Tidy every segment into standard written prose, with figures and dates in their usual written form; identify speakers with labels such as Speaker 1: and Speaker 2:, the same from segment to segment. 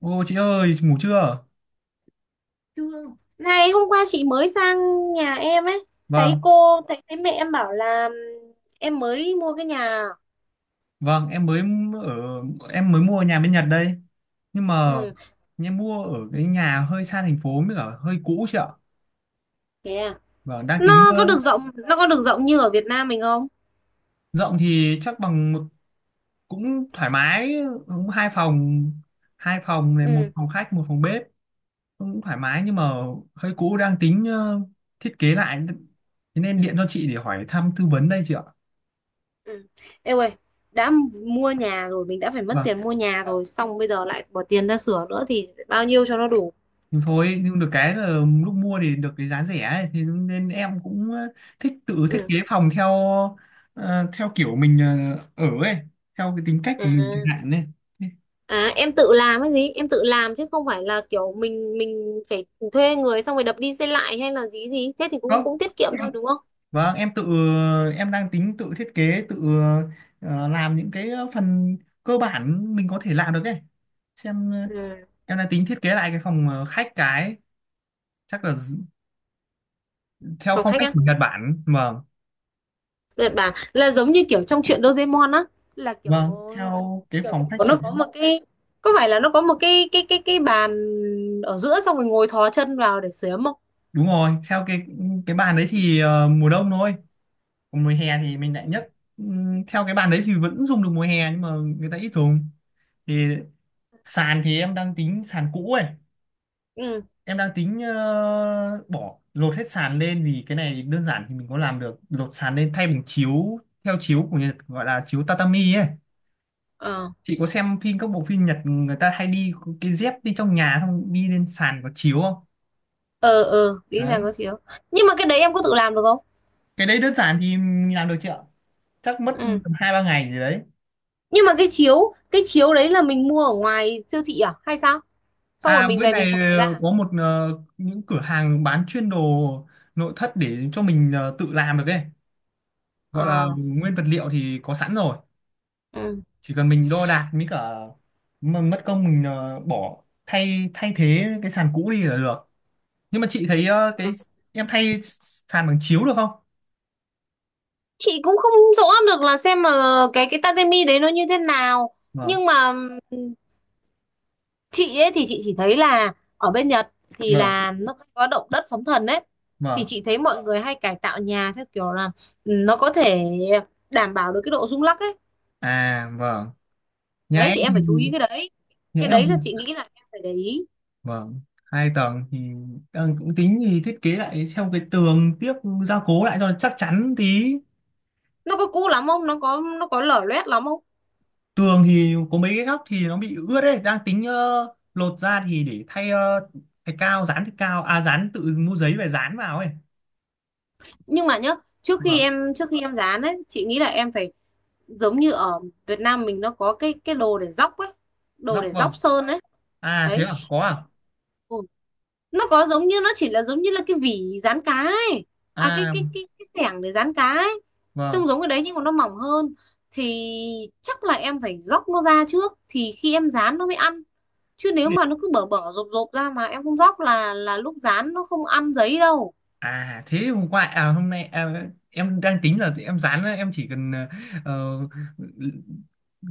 Speaker 1: Ô chị ơi, ngủ chưa?
Speaker 2: Thương. Này hôm qua chị mới sang nhà em ấy, thấy
Speaker 1: Vâng,
Speaker 2: cô thấy thấy mẹ em bảo là em mới mua cái nhà.
Speaker 1: vâng, em mới ở em mới mua nhà bên Nhật đây. Nhưng mà
Speaker 2: Ừ,
Speaker 1: em mua ở cái nhà hơi xa thành phố mới cả hơi cũ chị ạ.
Speaker 2: thế à?
Speaker 1: Vâng, đang tính
Speaker 2: nó có
Speaker 1: ờ,
Speaker 2: được rộng nó có được rộng như ở Việt Nam mình không?
Speaker 1: rộng thì chắc bằng cũng thoải mái, cũng hai phòng này một
Speaker 2: Ừ,
Speaker 1: phòng khách, một phòng bếp, cũng thoải mái nhưng mà hơi cũ, đang tính, thiết kế lại. Thế nên điện cho chị để hỏi thăm tư vấn đây chị ạ.
Speaker 2: ừ. Ê ơi, đã mua nhà rồi, mình đã phải mất
Speaker 1: Vâng.
Speaker 2: tiền mua nhà rồi, xong bây giờ lại bỏ tiền ra sửa nữa thì bao nhiêu cho nó đủ?
Speaker 1: Nhưng thôi, nhưng được cái là lúc mua thì được cái giá rẻ ấy, thì nên em cũng, thích tự thiết
Speaker 2: Ừ.
Speaker 1: kế phòng theo kiểu mình, ở ấy, theo cái tính cách của mình chẳng
Speaker 2: À,
Speaker 1: hạn ấy.
Speaker 2: à, em tự làm cái gì em tự làm, chứ không phải là kiểu mình phải thuê người xong rồi đập đi xây lại hay là gì gì thế, thì cũng
Speaker 1: Không,
Speaker 2: cũng tiết kiệm
Speaker 1: em-
Speaker 2: thôi, đúng không?
Speaker 1: vâng, em tự, em đang tính tự thiết kế, tự, làm những cái phần cơ bản mình có thể làm được ấy. Xem,
Speaker 2: Ừ.
Speaker 1: em đang tính thiết kế lại cái phòng khách, cái chắc là d- theo
Speaker 2: Phòng
Speaker 1: phong
Speaker 2: khách
Speaker 1: cách
Speaker 2: á?
Speaker 1: của Nhật Bản. Vâng,
Speaker 2: Đợt bà là giống như kiểu trong truyện Doraemon á, là kiểu
Speaker 1: vâng, theo cái
Speaker 2: kiểu
Speaker 1: phòng
Speaker 2: kiểu
Speaker 1: khách
Speaker 2: nó
Speaker 1: kiểu,
Speaker 2: có một cái, có phải là nó có một cái bàn ở giữa, xong rồi ngồi thò chân vào để sửa ấm không?
Speaker 1: đúng rồi, theo cái bàn đấy thì ờ, mùa đông thôi, còn mùa hè thì mình lại nhất. Theo cái bàn đấy thì vẫn dùng được mùa hè nhưng mà người ta ít dùng. Thì sàn thì em đang tính sàn cũ ấy,
Speaker 2: Ừ.
Speaker 1: em đang tính, bỏ lột hết sàn lên vì cái này đơn giản thì mình có làm được, lột sàn lên thay bằng chiếu, theo chiếu của Nhật gọi là chiếu tatami ấy.
Speaker 2: Ờ,
Speaker 1: Chị có xem phim, các bộ phim Nhật người ta hay đi cái dép đi trong nhà xong đi lên sàn có chiếu không?
Speaker 2: ờ, ờ, nghĩ rằng
Speaker 1: Đấy,
Speaker 2: có chiếu. Nhưng mà cái đấy em có tự làm được không?
Speaker 1: cái đấy đơn giản thì mình làm được chị ạ, chắc mất
Speaker 2: Ừ.
Speaker 1: tầm hai ba ngày gì đấy.
Speaker 2: Nhưng mà cái chiếu, cái chiếu đấy là mình mua ở ngoài siêu thị à hay sao? Xong rồi
Speaker 1: À
Speaker 2: mình
Speaker 1: bên
Speaker 2: về mình
Speaker 1: này
Speaker 2: trải ra
Speaker 1: ờ,
Speaker 2: à?
Speaker 1: có những cửa hàng bán chuyên đồ nội thất để cho mình tự làm được ấy. Gọi là
Speaker 2: Ờ.
Speaker 1: nguyên vật liệu thì có sẵn rồi.
Speaker 2: Ừ.
Speaker 1: Chỉ cần mình đo đạc mới cả mà mất công mình bỏ thay thay thế cái sàn cũ đi là được. Nhưng mà chị thấy cái
Speaker 2: Ừ.
Speaker 1: em thay sàn bằng chiếu được không?
Speaker 2: Chị cũng không rõ được, là xem mà cái tatami đấy nó như thế nào.
Speaker 1: Vâng,
Speaker 2: Nhưng mà chị ấy thì chị chỉ thấy là ở bên Nhật thì
Speaker 1: vâng,
Speaker 2: là nó có động đất sóng thần đấy, thì
Speaker 1: vâng.
Speaker 2: chị thấy mọi người hay cải tạo nhà theo kiểu là, ừ, nó có thể đảm bảo được cái độ rung lắc ấy.
Speaker 1: À vâng. Nhà
Speaker 2: Đấy
Speaker 1: em
Speaker 2: thì em
Speaker 1: thì,
Speaker 2: phải chú ý cái đấy,
Speaker 1: nhà
Speaker 2: cái
Speaker 1: em
Speaker 2: đấy
Speaker 1: thì
Speaker 2: là chị nghĩ là em phải để ý.
Speaker 1: vâng, hai tầng thì ờ, cũng tính thì thiết kế lại theo cái tường tiếc, gia cố lại cho nó chắc chắn tí.
Speaker 2: Nó có cũ lắm không, nó có lở loét lắm không?
Speaker 1: Tường thì có mấy cái góc thì nó bị ướt đấy, đang tính, lột ra thì để thay thay cao dán thạch cao, à dán tự mua giấy về dán vào ấy.
Speaker 2: Nhưng mà nhá, trước khi
Speaker 1: Vâng,
Speaker 2: em trước khi em dán ấy, chị nghĩ là em phải giống như ở Việt Nam mình nó có cái đồ để dóc ấy, đồ
Speaker 1: góc,
Speaker 2: để dóc
Speaker 1: vâng,
Speaker 2: sơn ấy,
Speaker 1: à thế
Speaker 2: đấy.
Speaker 1: à, có à,
Speaker 2: Ừ, nó có giống như, nó chỉ là giống như là cái vỉ rán cá ấy, à cái
Speaker 1: à
Speaker 2: cái cái cái xẻng để rán cá ấy, trông
Speaker 1: vâng.
Speaker 2: giống cái đấy nhưng mà nó mỏng hơn, thì chắc là em phải róc nó ra trước thì khi em rán nó mới ăn, chứ nếu
Speaker 1: Thế để-
Speaker 2: mà nó cứ bở bở rộp rộp ra mà em không róc là lúc rán nó không ăn giấy đâu.
Speaker 1: À thế hôm qua, à hôm nay à, em đang tính là em dán, em chỉ cần ờ,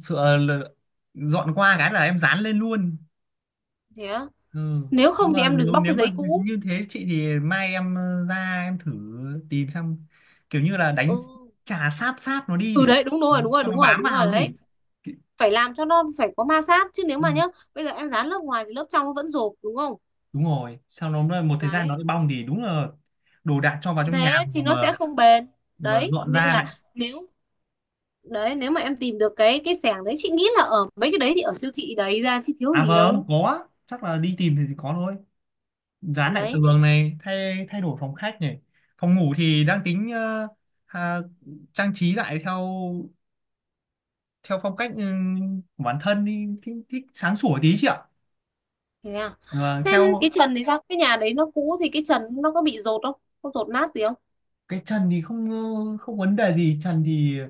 Speaker 1: sợ là dọn qua cái là em dán lên luôn.
Speaker 2: Thế á.
Speaker 1: Ừ.
Speaker 2: Nếu không thì
Speaker 1: Mà
Speaker 2: em đừng
Speaker 1: nếu
Speaker 2: bóc cái
Speaker 1: nếu mà
Speaker 2: giấy cũ.
Speaker 1: như thế chị thì mai em ra em thử tìm xem, kiểu như là đánh,
Speaker 2: Ừ,
Speaker 1: chà sáp sáp nó đi
Speaker 2: ừ
Speaker 1: để
Speaker 2: đấy, đúng
Speaker 1: ờ,
Speaker 2: rồi, đúng rồi,
Speaker 1: cho
Speaker 2: đúng
Speaker 1: nó
Speaker 2: rồi,
Speaker 1: bám
Speaker 2: đúng
Speaker 1: vào
Speaker 2: rồi, đấy.
Speaker 1: gì.
Speaker 2: Phải làm cho nó phải có ma sát, chứ nếu
Speaker 1: Ừ.
Speaker 2: mà nhá bây giờ em dán lớp ngoài thì lớp trong nó vẫn rộp, đúng không?
Speaker 1: Đúng rồi, sau nó một thời gian nó
Speaker 2: Đấy,
Speaker 1: lại bong thì đúng là đồ đạc cho vào trong nhà
Speaker 2: thế thì nó
Speaker 1: mà
Speaker 2: sẽ không bền.
Speaker 1: mà
Speaker 2: Đấy
Speaker 1: dọn
Speaker 2: nên
Speaker 1: ra
Speaker 2: là,
Speaker 1: lại.
Speaker 2: nếu đấy, nếu mà em tìm được cái sẻng đấy chị nghĩ là ở mấy cái đấy thì ở siêu thị đấy ra chứ thiếu
Speaker 1: À
Speaker 2: gì
Speaker 1: vâng,
Speaker 2: đâu.
Speaker 1: có, chắc là đi tìm thì có thôi. Dán lại
Speaker 2: Đấy.
Speaker 1: tường này, thay thay đổi phòng khách này, phòng ngủ thì đang tính, à, trang trí lại theo, theo phong cách ừ, của bản thân thì thích, thích sáng sủa tí chị ạ.
Speaker 2: Thế à?
Speaker 1: Và
Speaker 2: Thêm
Speaker 1: theo
Speaker 2: cái trần thì sao, cái nhà đấy nó cũ thì cái trần nó có bị dột không, có dột nát gì không?
Speaker 1: cái trần thì không, không vấn đề gì, trần thì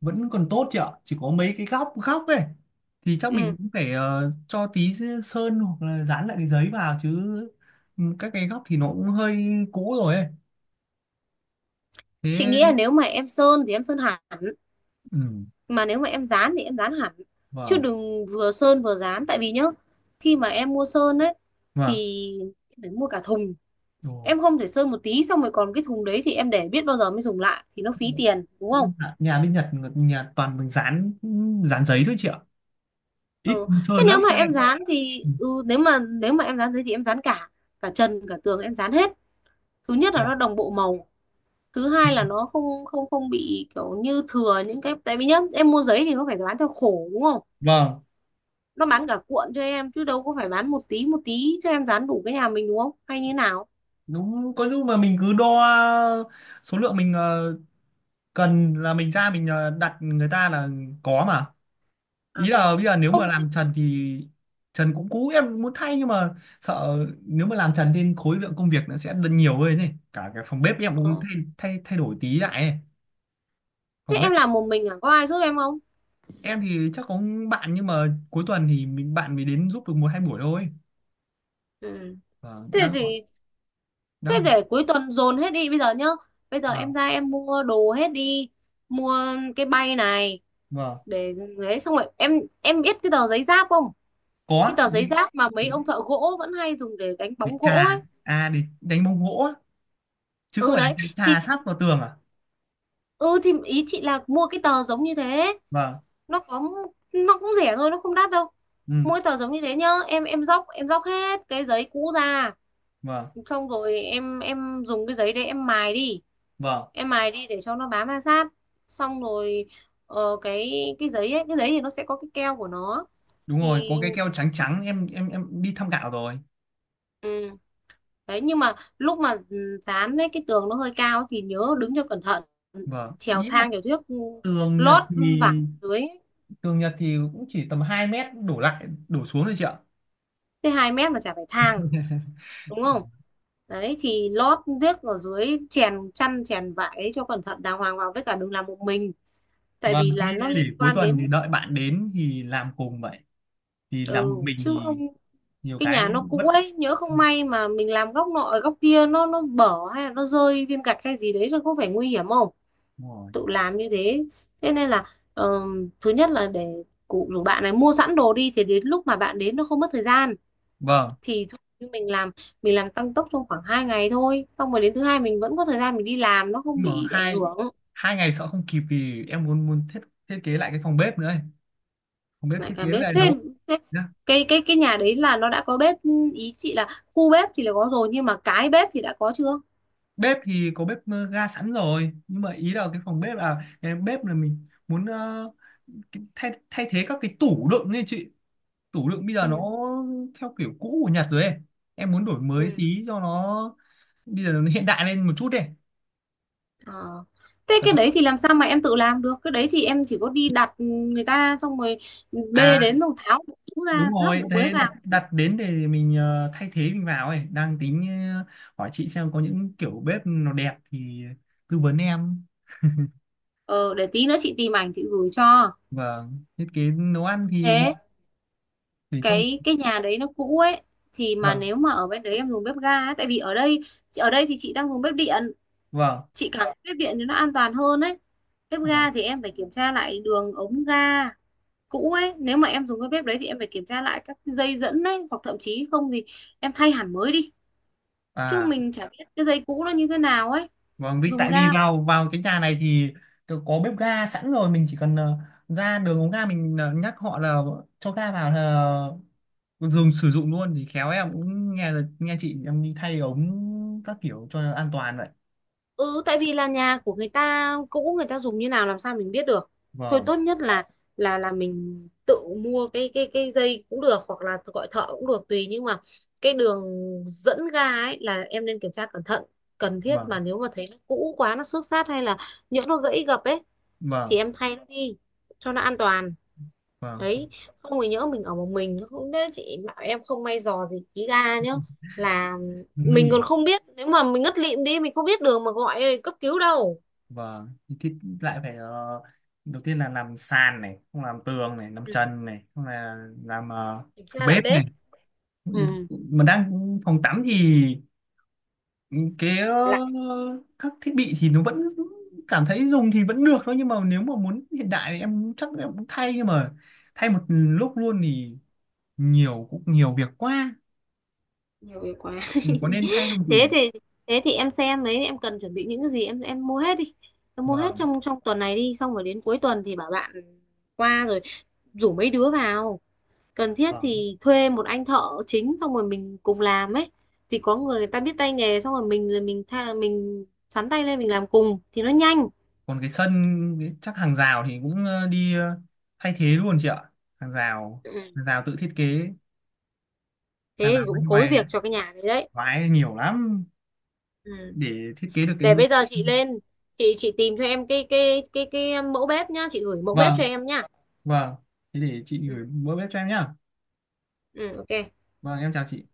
Speaker 1: vẫn còn tốt chị ạ, chỉ có mấy cái góc góc ấy thì chắc mình
Speaker 2: Ừ,
Speaker 1: cũng phải cho tí sơn hoặc là dán lại cái giấy vào chứ. Ừ, các cái góc thì nó cũng hơi cũ rồi ấy.
Speaker 2: chị
Speaker 1: Thế,
Speaker 2: nghĩ là nếu mà em sơn thì em sơn hẳn,
Speaker 1: ừ,
Speaker 2: mà nếu mà em dán thì em dán hẳn, chứ
Speaker 1: vâng,
Speaker 2: đừng vừa sơn vừa dán, tại vì nhá khi mà em mua sơn ấy
Speaker 1: vâng.
Speaker 2: thì phải mua cả thùng.
Speaker 1: Ồ,
Speaker 2: Em không thể sơn một tí xong rồi còn cái thùng đấy thì em để biết bao giờ mới dùng lại, thì nó phí tiền đúng không?
Speaker 1: nhà nhà bên Nhật, nhà toàn mình dán, dán giấy thôi chị ạ, ít
Speaker 2: Ừ. Thế
Speaker 1: sơn lắm
Speaker 2: nếu mà
Speaker 1: các
Speaker 2: em
Speaker 1: em.
Speaker 2: dán thì,
Speaker 1: Ừ,
Speaker 2: ừ, nếu mà em dán thế thì em dán cả cả trần cả tường em dán hết. Thứ nhất là nó
Speaker 1: dạ.
Speaker 2: đồng bộ màu, thứ hai là nó không không không bị kiểu như thừa những cái, tại vì nhá em mua giấy thì nó phải bán theo khổ đúng không?
Speaker 1: Vâng,
Speaker 2: Nó bán cả cuộn cho em chứ đâu có phải bán một tí cho em dán đủ cái nhà mình, đúng không hay như nào.
Speaker 1: đúng, có lúc mà mình cứ đo số lượng mình cần là mình ra mình đặt người ta là có mà.
Speaker 2: À
Speaker 1: Ý
Speaker 2: thế à.
Speaker 1: là bây giờ nếu
Speaker 2: Không
Speaker 1: mà
Speaker 2: chứ-.
Speaker 1: làm trần thì trần cũng cũ, em cũng muốn thay nhưng mà sợ nếu mà làm trần thì khối lượng công việc nó sẽ nhiều hơn, này cả cái phòng bếp em cũng
Speaker 2: Ờ.
Speaker 1: thay, thay đổi tí lại ấy.
Speaker 2: Thế
Speaker 1: Phòng bếp
Speaker 2: em làm một mình à, có ai giúp em không?
Speaker 1: em thì chắc có bạn nhưng mà cuối tuần thì mình bạn mới đến giúp được một hai buổi thôi.
Speaker 2: Ừ.
Speaker 1: Vâng,
Speaker 2: Thế
Speaker 1: đang hỏi,
Speaker 2: thì. Thế
Speaker 1: đang hỏi.
Speaker 2: để cuối tuần dồn hết đi bây giờ nhá. Bây giờ em
Speaker 1: Vâng,
Speaker 2: ra em mua đồ hết đi. Mua cái bay này
Speaker 1: vâng,
Speaker 2: để đấy, xong rồi em biết cái tờ giấy giáp không? Cái
Speaker 1: có
Speaker 2: tờ
Speaker 1: đi,
Speaker 2: giấy giáp mà mấy
Speaker 1: đi,
Speaker 2: ông thợ gỗ vẫn hay dùng để đánh
Speaker 1: đi
Speaker 2: bóng gỗ
Speaker 1: trà
Speaker 2: ấy.
Speaker 1: à, để đánh bóng gỗ á. Chứ không
Speaker 2: Ừ
Speaker 1: phải là
Speaker 2: đấy
Speaker 1: trà
Speaker 2: thì
Speaker 1: trà sát vào tường à?
Speaker 2: ừ thì ý chị là mua cái tờ giống như thế.
Speaker 1: Vâng,
Speaker 2: Nó có nó cũng rẻ thôi, nó không đắt đâu.
Speaker 1: ừ,
Speaker 2: Mỗi tờ giống như thế nhá, em dóc hết cái giấy cũ ra,
Speaker 1: vâng,
Speaker 2: xong rồi em dùng cái giấy đấy em mài đi.
Speaker 1: vâng,
Speaker 2: Em mài đi để cho nó bám ma sát, xong rồi, ờ, cái giấy ấy cái giấy thì nó sẽ có cái keo của nó,
Speaker 1: đúng
Speaker 2: thì
Speaker 1: rồi, có cái keo trắng trắng, em đi thăm gạo rồi.
Speaker 2: ừ. Đấy nhưng mà lúc mà ừ, dán ấy cái tường nó hơi cao thì nhớ đứng cho cẩn thận,
Speaker 1: Vâng,
Speaker 2: trèo
Speaker 1: ý là
Speaker 2: thang trèo thước, ừ,
Speaker 1: tường Nhật
Speaker 2: lót vải
Speaker 1: thì,
Speaker 2: dưới.
Speaker 1: tường Nhật thì cũng chỉ tầm 2 m đổ lại đổ xuống thôi chị ạ.
Speaker 2: Thế 2 mét mà chả phải thang, đúng không? Đấy thì lót thước ở dưới, chèn chăn chèn vải ấy cho cẩn thận đàng hoàng vào, với cả đừng làm một mình, tại
Speaker 1: Vâng,
Speaker 2: vì
Speaker 1: thế
Speaker 2: là nó
Speaker 1: để
Speaker 2: liên
Speaker 1: cuối
Speaker 2: quan
Speaker 1: tuần thì
Speaker 2: đến,
Speaker 1: đợi bạn đến thì làm cùng vậy, thì làm một
Speaker 2: ừ,
Speaker 1: mình
Speaker 2: chứ không
Speaker 1: thì nhiều
Speaker 2: cái nhà
Speaker 1: cái
Speaker 2: nó
Speaker 1: bất.
Speaker 2: cũ ấy nhỡ không may mà mình làm góc nọ ở góc kia nó bở hay là nó rơi viên gạch hay gì đấy rồi có phải nguy hiểm không,
Speaker 1: Đúng rồi.
Speaker 2: tự làm như thế. Thế nên là, thứ nhất là để cụ rủ bạn này mua sẵn đồ đi thì đến lúc mà bạn đến nó không mất thời gian,
Speaker 1: Vâng,
Speaker 2: thì thôi, như mình làm tăng tốc trong khoảng 2 ngày thôi, xong rồi đến thứ hai mình vẫn có thời gian mình đi làm nó không
Speaker 1: nhưng mà
Speaker 2: bị ảnh
Speaker 1: hai,
Speaker 2: hưởng.
Speaker 1: 2 ngày sợ không kịp vì em muốn, muốn thiết thiết kế lại cái phòng bếp nữa ấy. Phòng bếp
Speaker 2: Lại
Speaker 1: thiết
Speaker 2: cả
Speaker 1: kế
Speaker 2: bếp
Speaker 1: lại nấu,
Speaker 2: thêm. Thế cái nhà đấy là nó đã có bếp, ý chị là khu bếp thì là có rồi nhưng mà cái bếp thì đã có chưa.
Speaker 1: bếp thì có bếp ga sẵn rồi nhưng mà ý là cái phòng bếp là cái bếp là mình muốn, thay, thay thế các cái tủ đựng ấy chị. Tủ đựng bây giờ nó
Speaker 2: Ừ.
Speaker 1: theo kiểu cũ của Nhật rồi ấy, em muốn đổi mới
Speaker 2: Ừ.
Speaker 1: tí cho nó, bây giờ nó hiện đại lên một chút đi.
Speaker 2: Ờ. Thế cái
Speaker 1: Đó,
Speaker 2: đấy thì làm sao mà em tự làm được? Cái đấy thì em chỉ có đi đặt người ta xong rồi
Speaker 1: à,
Speaker 2: bê đến rồi tháo bộ cũ ra
Speaker 1: đúng
Speaker 2: lắp
Speaker 1: rồi,
Speaker 2: bộ mới
Speaker 1: thế
Speaker 2: vào.
Speaker 1: đặt đặt đến để mình thay thế mình vào ấy, đang tính ờ, hỏi chị xem có những kiểu bếp nó đẹp thì tư vấn em.
Speaker 2: Ờ, để tí nữa chị tìm ảnh chị gửi cho.
Speaker 1: Vâng, thiết kế nấu ăn thì
Speaker 2: Thế
Speaker 1: để cho,
Speaker 2: cái nhà đấy nó cũ ấy thì mà
Speaker 1: vâng,
Speaker 2: nếu mà ở bên đấy em dùng bếp ga ấy, tại vì ở đây, ở đây thì chị đang dùng bếp điện,
Speaker 1: vâng,
Speaker 2: chị cảm thấy bếp điện thì nó an toàn hơn ấy. Bếp
Speaker 1: à,
Speaker 2: ga thì em phải kiểm tra lại đường ống ga cũ ấy, nếu mà em dùng cái bếp đấy thì em phải kiểm tra lại các dây dẫn ấy hoặc thậm chí không thì em thay hẳn mới đi. Chứ
Speaker 1: à.
Speaker 2: mình chả biết cái giấy cũ nó như thế nào ấy,
Speaker 1: Vâng, vì
Speaker 2: dùng
Speaker 1: tại vì
Speaker 2: ga mà.
Speaker 1: vào vào cái nhà này thì có bếp ga sẵn rồi, mình chỉ cần, ra đường ống ga mình nhắc họ là cho ga vào là dùng sử dụng luôn, thì khéo em cũng nghe là nghe chị em đi thay ống các kiểu cho nó an toàn vậy.
Speaker 2: Ừ, tại vì là nhà của người ta cũ, người ta dùng như nào làm sao mình biết được, thôi
Speaker 1: Vâng,
Speaker 2: tốt nhất là là mình tự mua cái dây cũng được hoặc là gọi thợ cũng được tùy, nhưng mà cái đường dẫn ga ấy là em nên kiểm tra cẩn thận cần thiết,
Speaker 1: vâng,
Speaker 2: mà nếu mà thấy nó cũ quá nó xước xát hay là nhỡ nó gãy gập ấy thì
Speaker 1: vâng,
Speaker 2: em thay nó đi cho nó an toàn.
Speaker 1: vâng, phòng,
Speaker 2: Đấy, không thì nhỡ mình ở một mình không đấy chị bảo em không may dò gì ký ga nhá, là
Speaker 1: nguy
Speaker 2: mình
Speaker 1: hiểm.
Speaker 2: còn không biết, nếu mà mình ngất lịm đi mình không biết đường mà gọi cấp cứu đâu.
Speaker 1: Vâng, thì thiết lại phải, đầu tiên là làm sàn này, không làm tường này, làm
Speaker 2: Ừ.
Speaker 1: trần này, không là làm
Speaker 2: Kiểm
Speaker 1: phòng
Speaker 2: tra lại
Speaker 1: bếp này.
Speaker 2: bếp. Ừ.
Speaker 1: Mà đang, phòng tắm thì cái ờ,
Speaker 2: Lại.
Speaker 1: các thiết bị thì nó vẫn cảm thấy dùng thì vẫn được thôi nhưng mà nếu mà muốn hiện đại thì em chắc em cũng thay nhưng mà thay một lúc luôn thì nhiều cũng nhiều việc quá.
Speaker 2: Nhiều việc quá
Speaker 1: Ừ, có nên thay không chị
Speaker 2: thế
Speaker 1: nhỉ?
Speaker 2: thì thế thì, em xem đấy em cần chuẩn bị những cái gì em mua hết đi, em mua hết
Speaker 1: Vâng,
Speaker 2: trong trong tuần này đi, xong rồi đến cuối tuần thì bảo bạn qua rồi rủ mấy đứa vào, cần thiết
Speaker 1: vâng,
Speaker 2: thì thuê một anh thợ chính xong rồi mình cùng làm ấy, thì có người, người ta biết tay nghề xong rồi mình tha, mình sắn tay lên mình làm cùng thì nó nhanh.
Speaker 1: còn cái sân, chắc hàng rào thì cũng ờ, đi thay thế luôn chị ạ. Hàng rào,
Speaker 2: Ừ.
Speaker 1: hàng rào tự thiết kế, hàng
Speaker 2: Thế
Speaker 1: rào
Speaker 2: thì cũng
Speaker 1: bên
Speaker 2: khối
Speaker 1: ngoài,
Speaker 2: việc cho cái nhà đấy, đấy.
Speaker 1: vãi nhiều lắm
Speaker 2: Ừ.
Speaker 1: để thiết kế được cái,
Speaker 2: Để bây giờ chị lên chị tìm cho em cái mẫu bếp nhá, chị gửi mẫu bếp cho
Speaker 1: vâng,
Speaker 2: em nhá.
Speaker 1: vâng, thế để chị
Speaker 2: Ừ.
Speaker 1: gửi bữa bếp cho em nhá.
Speaker 2: Ừ, ok.
Speaker 1: Vâng em chào chị.